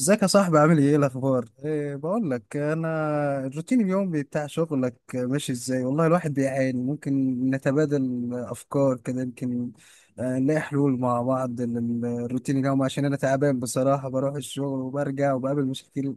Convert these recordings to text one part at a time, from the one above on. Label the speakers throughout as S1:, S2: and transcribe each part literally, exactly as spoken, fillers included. S1: ازيك يا صاحبي؟ عامل ايه؟ ايه الاخبار؟ إيه بقول لك، انا الروتين اليومي بتاع شغلك ماشي ازاي؟ والله الواحد بيعاني. ممكن نتبادل افكار كده؟ يمكن آه، نلاقي حلول مع بعض للروتين اليومي، عشان انا تعبان بصراحة. بروح الشغل وبرجع وبقابل مشاكل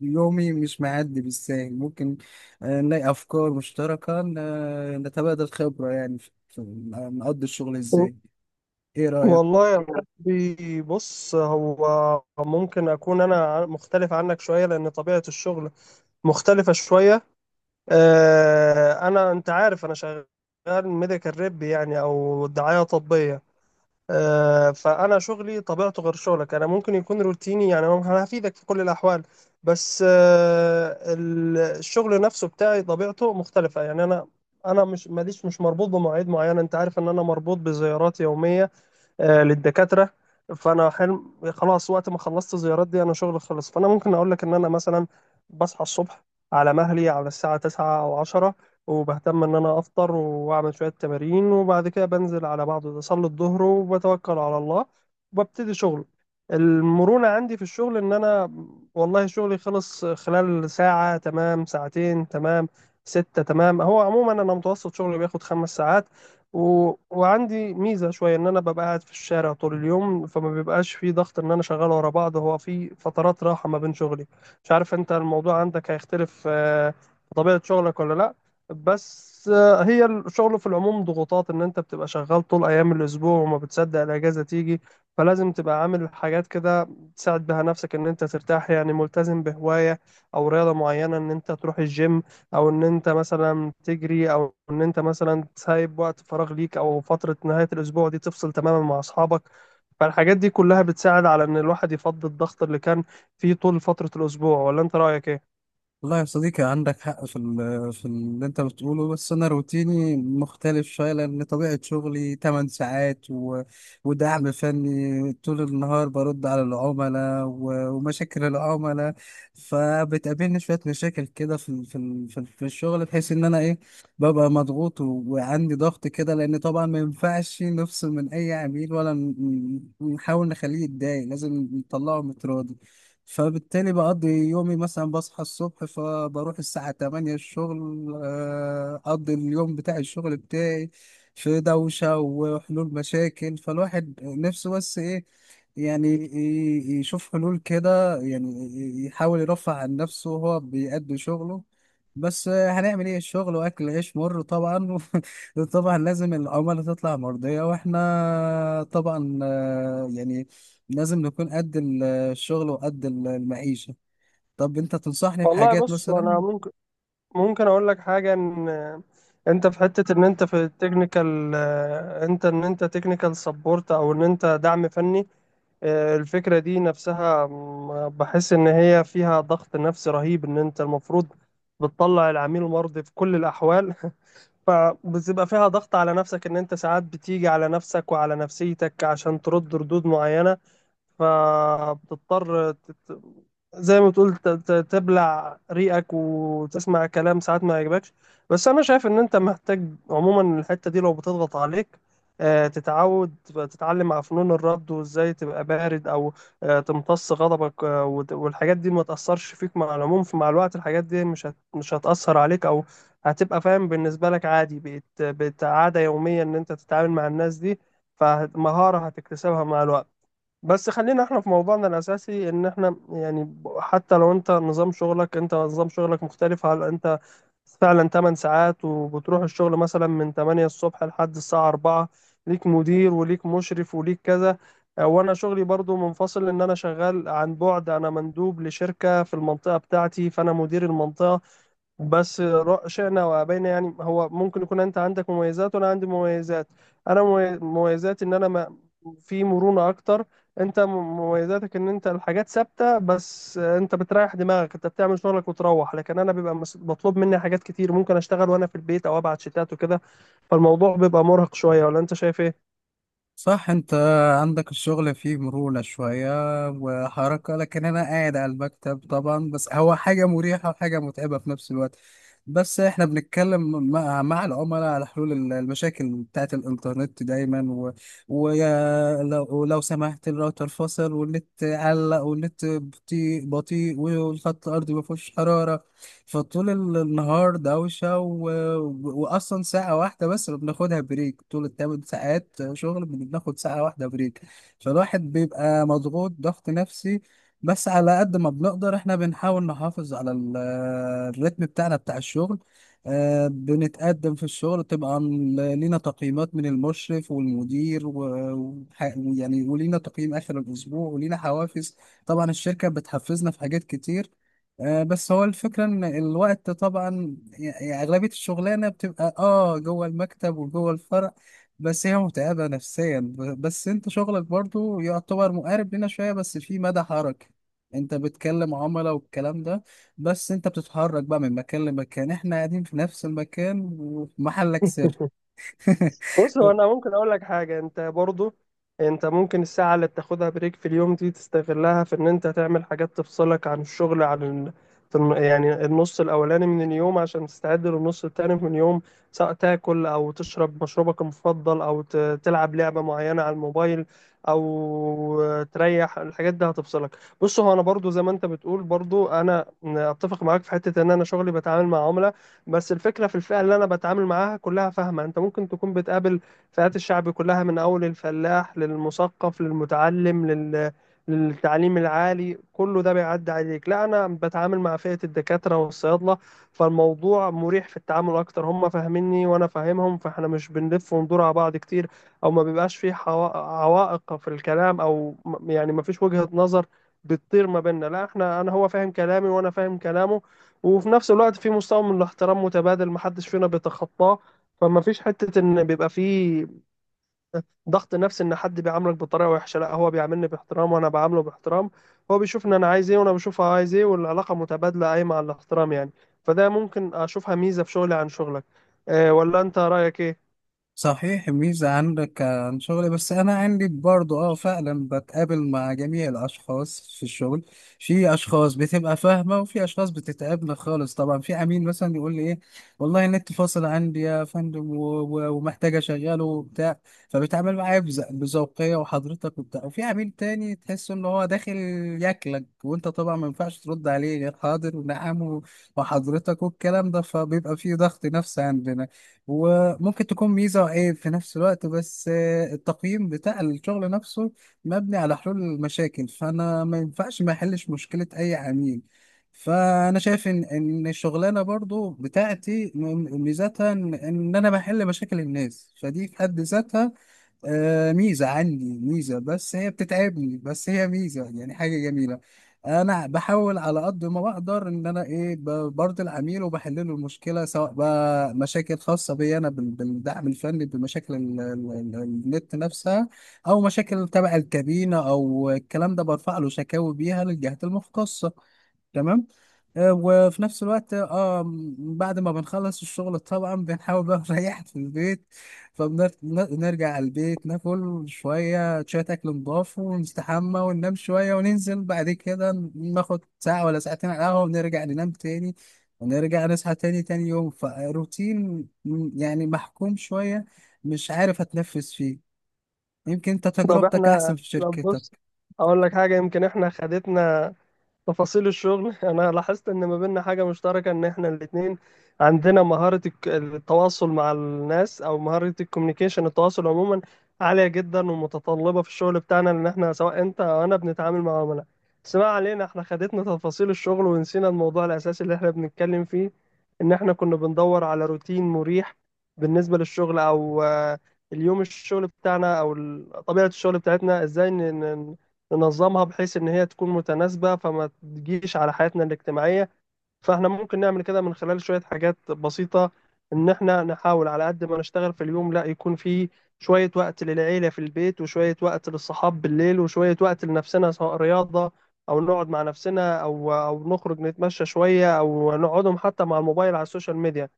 S1: يومي مش معدي بالساهل. ممكن آه، نلاقي افكار مشتركة، ن- نتبادل خبرة، يعني في في- آه، نقضي الشغل
S2: و-
S1: ازاي. ايه رأيك؟
S2: والله يا محبي، بص. هو ممكن أكون أنا ع- مختلف عنك شوية لأن طبيعة الشغل مختلفة شوية. آه، أنا أنت عارف أنا شغال ميديكال ريب، يعني أو دعاية طبية. آه، فأنا شغلي طبيعته غير شغلك. أنا ممكن يكون روتيني، يعني أنا هفيدك في كل الأحوال. بس آه، ال- الشغل نفسه بتاعي طبيعته مختلفة. يعني أنا أنا مش ماليش مش مربوط بمواعيد معينة. أنت عارف إن أنا مربوط بزيارات يومية آه، للدكاترة. فأنا حلم خلاص. وقت ما خلصت الزيارات دي أنا شغلي خلص. فأنا ممكن أقول لك إن أنا مثلا بصحى الصبح على مهلي، على الساعة تسعة أو عشرة. وبهتم إن أنا أفطر وأعمل شوية تمارين، وبعد كده بنزل على بعض أصلي الظهر وبتوكل على الله وببتدي شغل. المرونة عندي في الشغل إن أنا، والله شغلي خلص خلال ساعة تمام، ساعتين تمام، ستة تمام. هو عموما أنا متوسط شغلي بياخد خمس ساعات. و... وعندي ميزة شوية إن أنا ببقى قاعد في الشارع طول اليوم، فما بيبقاش في ضغط إن أنا شغال ورا بعض. هو في فترات راحة ما بين شغلي. مش عارف أنت الموضوع عندك هيختلف آه، في طبيعة شغلك ولا لأ. بس آه، هي الشغل في العموم ضغوطات إن أنت بتبقى شغال طول أيام الأسبوع وما بتصدق الأجازة تيجي. فلازم تبقى عامل حاجات كده تساعد بها نفسك إن أنت ترتاح. يعني ملتزم بهواية أو رياضة معينة إن أنت تروح الجيم، او ان انت مثلا تجري، او ان انت مثلا سايب وقت فراغ ليك، او فترة نهاية الاسبوع دي تفصل تماما مع اصحابك. فالحاجات دي كلها بتساعد على ان الواحد يفضي الضغط اللي كان فيه طول فترة الاسبوع. ولا انت رأيك ايه؟
S1: والله يا صديقي، عندك حق في ال- في اللي انت بتقوله، بس انا روتيني مختلف شويه لان طبيعه شغلي تمن ساعات، و... ودعم فني طول النهار، برد على العملاء و... ومشاكل العملاء. فبتقابلني شويه مشاكل كده في ال- في ال- في ال- في الشغل، بحيث ان انا ايه، ببقى مضغوط و... وعندي ضغط كده، لان طبعا ما ينفعش نفصل من اي عميل ولا ن- ن- نحاول نخليه يتضايق، لازم نطلعه متراضي. فبالتالي بقضي يومي مثلا بصحى الصبح، فبروح الساعة تمانية الشغل، آه، أقضي اليوم بتاع الشغل بتاعي في دوشة وحلول مشاكل. فالواحد نفسه، بس إيه، يعني ي- يشوف حلول كده، يعني ي- يحاول يرفع عن نفسه وهو بيأدي شغله. بس آه، هنعمل ايه، الشغل واكل عيش مر طبعا. طبعا لازم العملاء تطلع مرضية، واحنا طبعا آه، يعني لازم نكون قد الشغل وقد ال- المعيشة. طب انت تنصحني
S2: والله
S1: بحاجات
S2: بص. انا
S1: مثلا؟
S2: ممكن ممكن اقول لك حاجه، ان انت في حته ان انت في التكنيكال. انت ان انت تكنيكال سبورت، او ان انت دعم فني. آه، الفكرة دي نفسها م- بحس إن هي فيها ضغط نفسي رهيب إن أنت المفروض بتطلع العميل مرضي في كل الأحوال. فبتبقى فيها ضغط على نفسك، إن أنت ساعات بتيجي على نفسك وعلى نفسيتك عشان ترد ردود معينة. فبتضطر تت... زي ما تقول ت- ت- تبلع ريقك وتسمع كلام ساعات ما يعجبكش. بس انا شايف ان انت محتاج عموما الحتة دي، لو بتضغط عليك آه، تتعود تتعلم على فنون الرد وازاي تبقى بارد، او آه، تمتص غضبك. آه، وت- والحاجات دي ما تأثرش فيك مع العموم. فمع الوقت الحاجات دي مش هت- مش هتأثر عليك، او هتبقى فاهم بالنسبة لك، عادي بقت بقت عادة يومية ان انت تتعامل مع الناس دي. فمهارة هتكتسبها مع الوقت. بس خلينا احنا في موضوعنا الاساسي، ان احنا يعني ب- حتى لو انت نظام شغلك انت نظام شغلك مختلف. هل انت فعلا تمانية ساعات وبتروح الشغل مثلا من تمانية الصبح لحد الساعة أربعة؟ ليك مدير وليك مشرف وليك كذا. اه، وانا شغلي برضو منفصل، ان انا شغال عن بعد. انا مندوب لشركة في المنطقة بتاعتي، فانا مدير المنطقة. بس را- شئنا وابينا، يعني هو ممكن يكون انت عندك مميزات وانا عندي مميزات. انا ممي- مميزاتي ان انا ما في مرونة اكتر. انت م- مميزاتك ان انت الحاجات ثابتة، بس انت بتريح دماغك، انت بتعمل شغلك وتروح. لكن انا بيبقى مس- مطلوب مني حاجات كتير، ممكن اشتغل وانا في البيت او ابعت شتات وكده. فالموضوع بيبقى مرهق شوية، ولا انت شايف ايه؟
S1: صح، انت عندك الشغل فيه مرونة شوية وحركة، لكن انا قاعد على المكتب طبعا. بس هو حاجة مريحة وحاجة متعبة في نفس الوقت. بس احنا بنتكلم مع, مع العملاء على حلول ال- المشاكل بتاعت الانترنت دايما، و... ويا لو... ولو سمحت الراوتر فصل، والنت علق، والنت بطيء بطيء، والخط الارضي ما فيهوش حرارة. فطول النهار دوشة و... وأصلا ساعة واحدة بس اللي بناخدها بريك، طول التمن ساعات شغل بناخد ساعة واحدة بريك. فالواحد بيبقى مضغوط ضغط نفسي. بس على قد ما بنقدر احنا بنحاول نحافظ على ال- الريتم بتاعنا بتاع الشغل. آه، بنتقدم في الشغل طبعا، لينا تقييمات من المشرف والمدير، ويعني ولينا تقييم آخر الأسبوع، ولينا حوافز طبعا، الشركة بتحفزنا في حاجات كتير. آه، بس هو الفكرة ان الوقت طبعا، يعني اغلبية الشغلانة بتبقى اه جوه المكتب وجوه الفرع. بس هي متعبة نفسيا. ب- بس انت شغلك برضو يعتبر مقارب لنا شوية، بس في مدى حركة، انت بتكلم عملاء والكلام ده، بس انت بتتحرك بقى من مكان لمكان، احنا قاعدين في نفس المكان وفي محلك سر.
S2: بص. هو انا ممكن اقول لك حاجه، انت برضو انت ممكن الساعه اللي بتاخدها بريك في اليوم دي تستغلها في ان انت تعمل حاجات تفصلك عن الشغل، عن ال... في الن- يعني النص الاولاني من اليوم، عشان تستعد للنص التاني من اليوم، سواء تاكل او تشرب مشروبك المفضل او ت... تلعب لعبه معينه على الموبايل او تريح. الحاجات دي هتفصلك. بص. هو انا برضو زي ما انت بتقول، برضو انا اتفق معاك في حته، ان انا شغلي بتعامل مع عملاء. بس الفكرة في الفئة اللي أنا بتعامل معاها كلها فاهمة. أنت ممكن تكون بتقابل فئات الشعب كلها، من أول الفلاح للمثقف للمتعلم، لل... للتعليم العالي، كله ده بيعدي عليك. لا أنا بتعامل مع فئة الدكاترة والصيادلة، فالموضوع مريح في التعامل أكتر. هم فاهميني وأنا فاهمهم، فإحنا مش بنلف وندور على بعض كتير. أو ما بيبقاش في حوا- عوائق في الكلام، أو م- يعني ما فيش وجهة نظر بتطير ما بيننا. لا إحنا أنا هو فاهم كلامي وأنا فاهم كلامه. وفي نفس الوقت في مستوى من الاحترام متبادل، محدش فينا بيتخطاه. فما فيش حتة ان بيبقى في ضغط نفسي، ان حد بيعاملك بطريقة وحشة. لا هو بيعاملني باحترام وانا بعامله باحترام. هو بيشوف ان انا عايز ايه وانا بشوفه عايز ايه، والعلاقة متبادلة قايمة على الاحترام يعني. فده ممكن اشوفها ميزة في شغلي عن شغلك. إيه ولا انت رأيك ايه؟
S1: صحيح، ميزة عندك عن شغلي. بس أنا عندي برضو أه، فعلا بتقابل مع جميع الأشخاص في الشغل. في أشخاص بتبقى فاهمة، وفي أشخاص بتتعبنا خالص طبعا. في عميل مثلا يقول لي إيه، والله النت فاصل عندي يا فندم، و- و- ومحتاج أشغله وبتاع، فبيتعامل معايا بز- بذوقية وحضرتك وبتاع. وفي عميل تاني تحس إن هو داخل ياكلك، وأنت طبعا ما ينفعش ترد عليه غير حاضر ونعم و- وحضرتك والكلام ده. فبيبقى فيه ضغط نفسي عندنا، وممكن تكون ميزة وعيب في نفس الوقت. بس آه، التقييم بتاع الشغل نفسه مبني على حلول المشاكل، فأنا ما ينفعش ما أحلش مشكلة أي عميل. فأنا شايف إن إن الشغلانة برضو بتاعتي م- ميزتها إن إن أنا بحل مشاكل الناس، فدي في حد ذاتها آه ميزة عندي، ميزة بس هي بتتعبني، بس هي ميزة يعني حاجة جميلة. أنا بحاول على قد ما بقدر إن أنا إيه، ب- برضي العميل وبحل له المشكلة، سواء بقى مشاكل خاصة بي أنا بال- بالدعم الفني بمشاكل ال- ال- ال- النت نفسها، أو مشاكل تبع الكابينة أو الكلام ده برفع له شكاوي بيها للجهات المختصة. تمام. آه، وفي نفس الوقت اه م- بعد ما بنخلص الشغل طبعا بنحاول بقى نريح في البيت. فبنرجع على البيت، ناكل شوية شوية أكل نضاف، ونستحمى وننام شوية، وننزل بعد كده ناخد ساعة ولا ساعتين على القهوة، ونرجع ننام تاني، ونرجع نصحى تاني تاني يوم. فروتين م- يعني محكوم شوية، مش عارف أتنفس فيه. يمكن أنت
S2: طب
S1: تجربتك
S2: احنا
S1: أحسن في
S2: طب بص.
S1: شركتك.
S2: اقول لك حاجة، يمكن احنا خدتنا تفاصيل الشغل. انا لاحظت ان ما بيننا حاجه مشتركه، ان احنا الاثنين عندنا مهاره الك- التواصل مع الناس، او مهاره الكوميونيكيشن، التواصل عموما عاليه جدا ومتطلبه في الشغل بتاعنا، لان احنا سواء انت او انا بنتعامل مع عملاء. بس ما علينا. احنا خدتنا تفاصيل الشغل ونسينا الموضوع الاساسي اللي احنا بنتكلم فيه، ان احنا كنا بندور على روتين مريح بالنسبه للشغل، او آه، اليوم الشغل بتاعنا، او ال- طبيعه الشغل بتاعتنا ازاي ننظمها بحيث ان هي تكون متناسبة فما تجيش على حياتنا الاجتماعية. فاحنا ممكن نعمل كده من خلال شوية حاجات بسيطة، ان احنا نحاول على قد ما نشتغل في اليوم، لا يكون في شوية وقت للعيلة في البيت، وشوية وقت للصحاب بالليل، وشوية وقت لنفسنا، سواء رياضة او نقعد مع نفسنا، او او نخرج نتمشى شوية، او نقعدهم حتى مع الموبايل على السوشيال ميديا.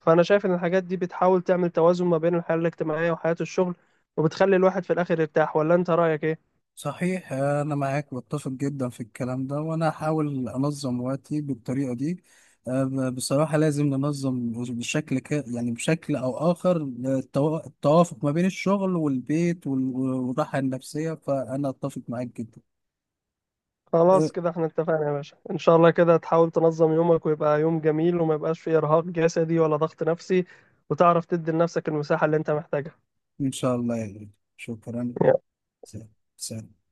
S2: فانا شايف ان الحاجات دي بتحاول تعمل توازن ما بين الحياة الاجتماعية وحياة الشغل، وبتخلي الواحد في الاخر يرتاح. ولا انت رأيك ايه؟
S1: صحيح، أنا معاك واتفق جدا في الكلام ده، وأنا هحاول أنظم وقتي بالطريقة دي. أه، ب- بصراحة لازم ننظم بشكل ك... يعني بشكل أو آخر التو... التوافق ما بين الشغل والبيت وال... والراحة النفسية، فأنا أتفق معاك جدا. أه،
S2: خلاص كده احنا اتفقنا يا باشا. ان شاء الله كده تحاول تنظم يومك، ويبقى يوم جميل وما يبقاش فيه ارهاق جسدي ولا ضغط نفسي. وتعرف تدي لنفسك المساحة اللي انت محتاجها.
S1: إن شاء الله يا غالي. شكرا. سلام. سلام.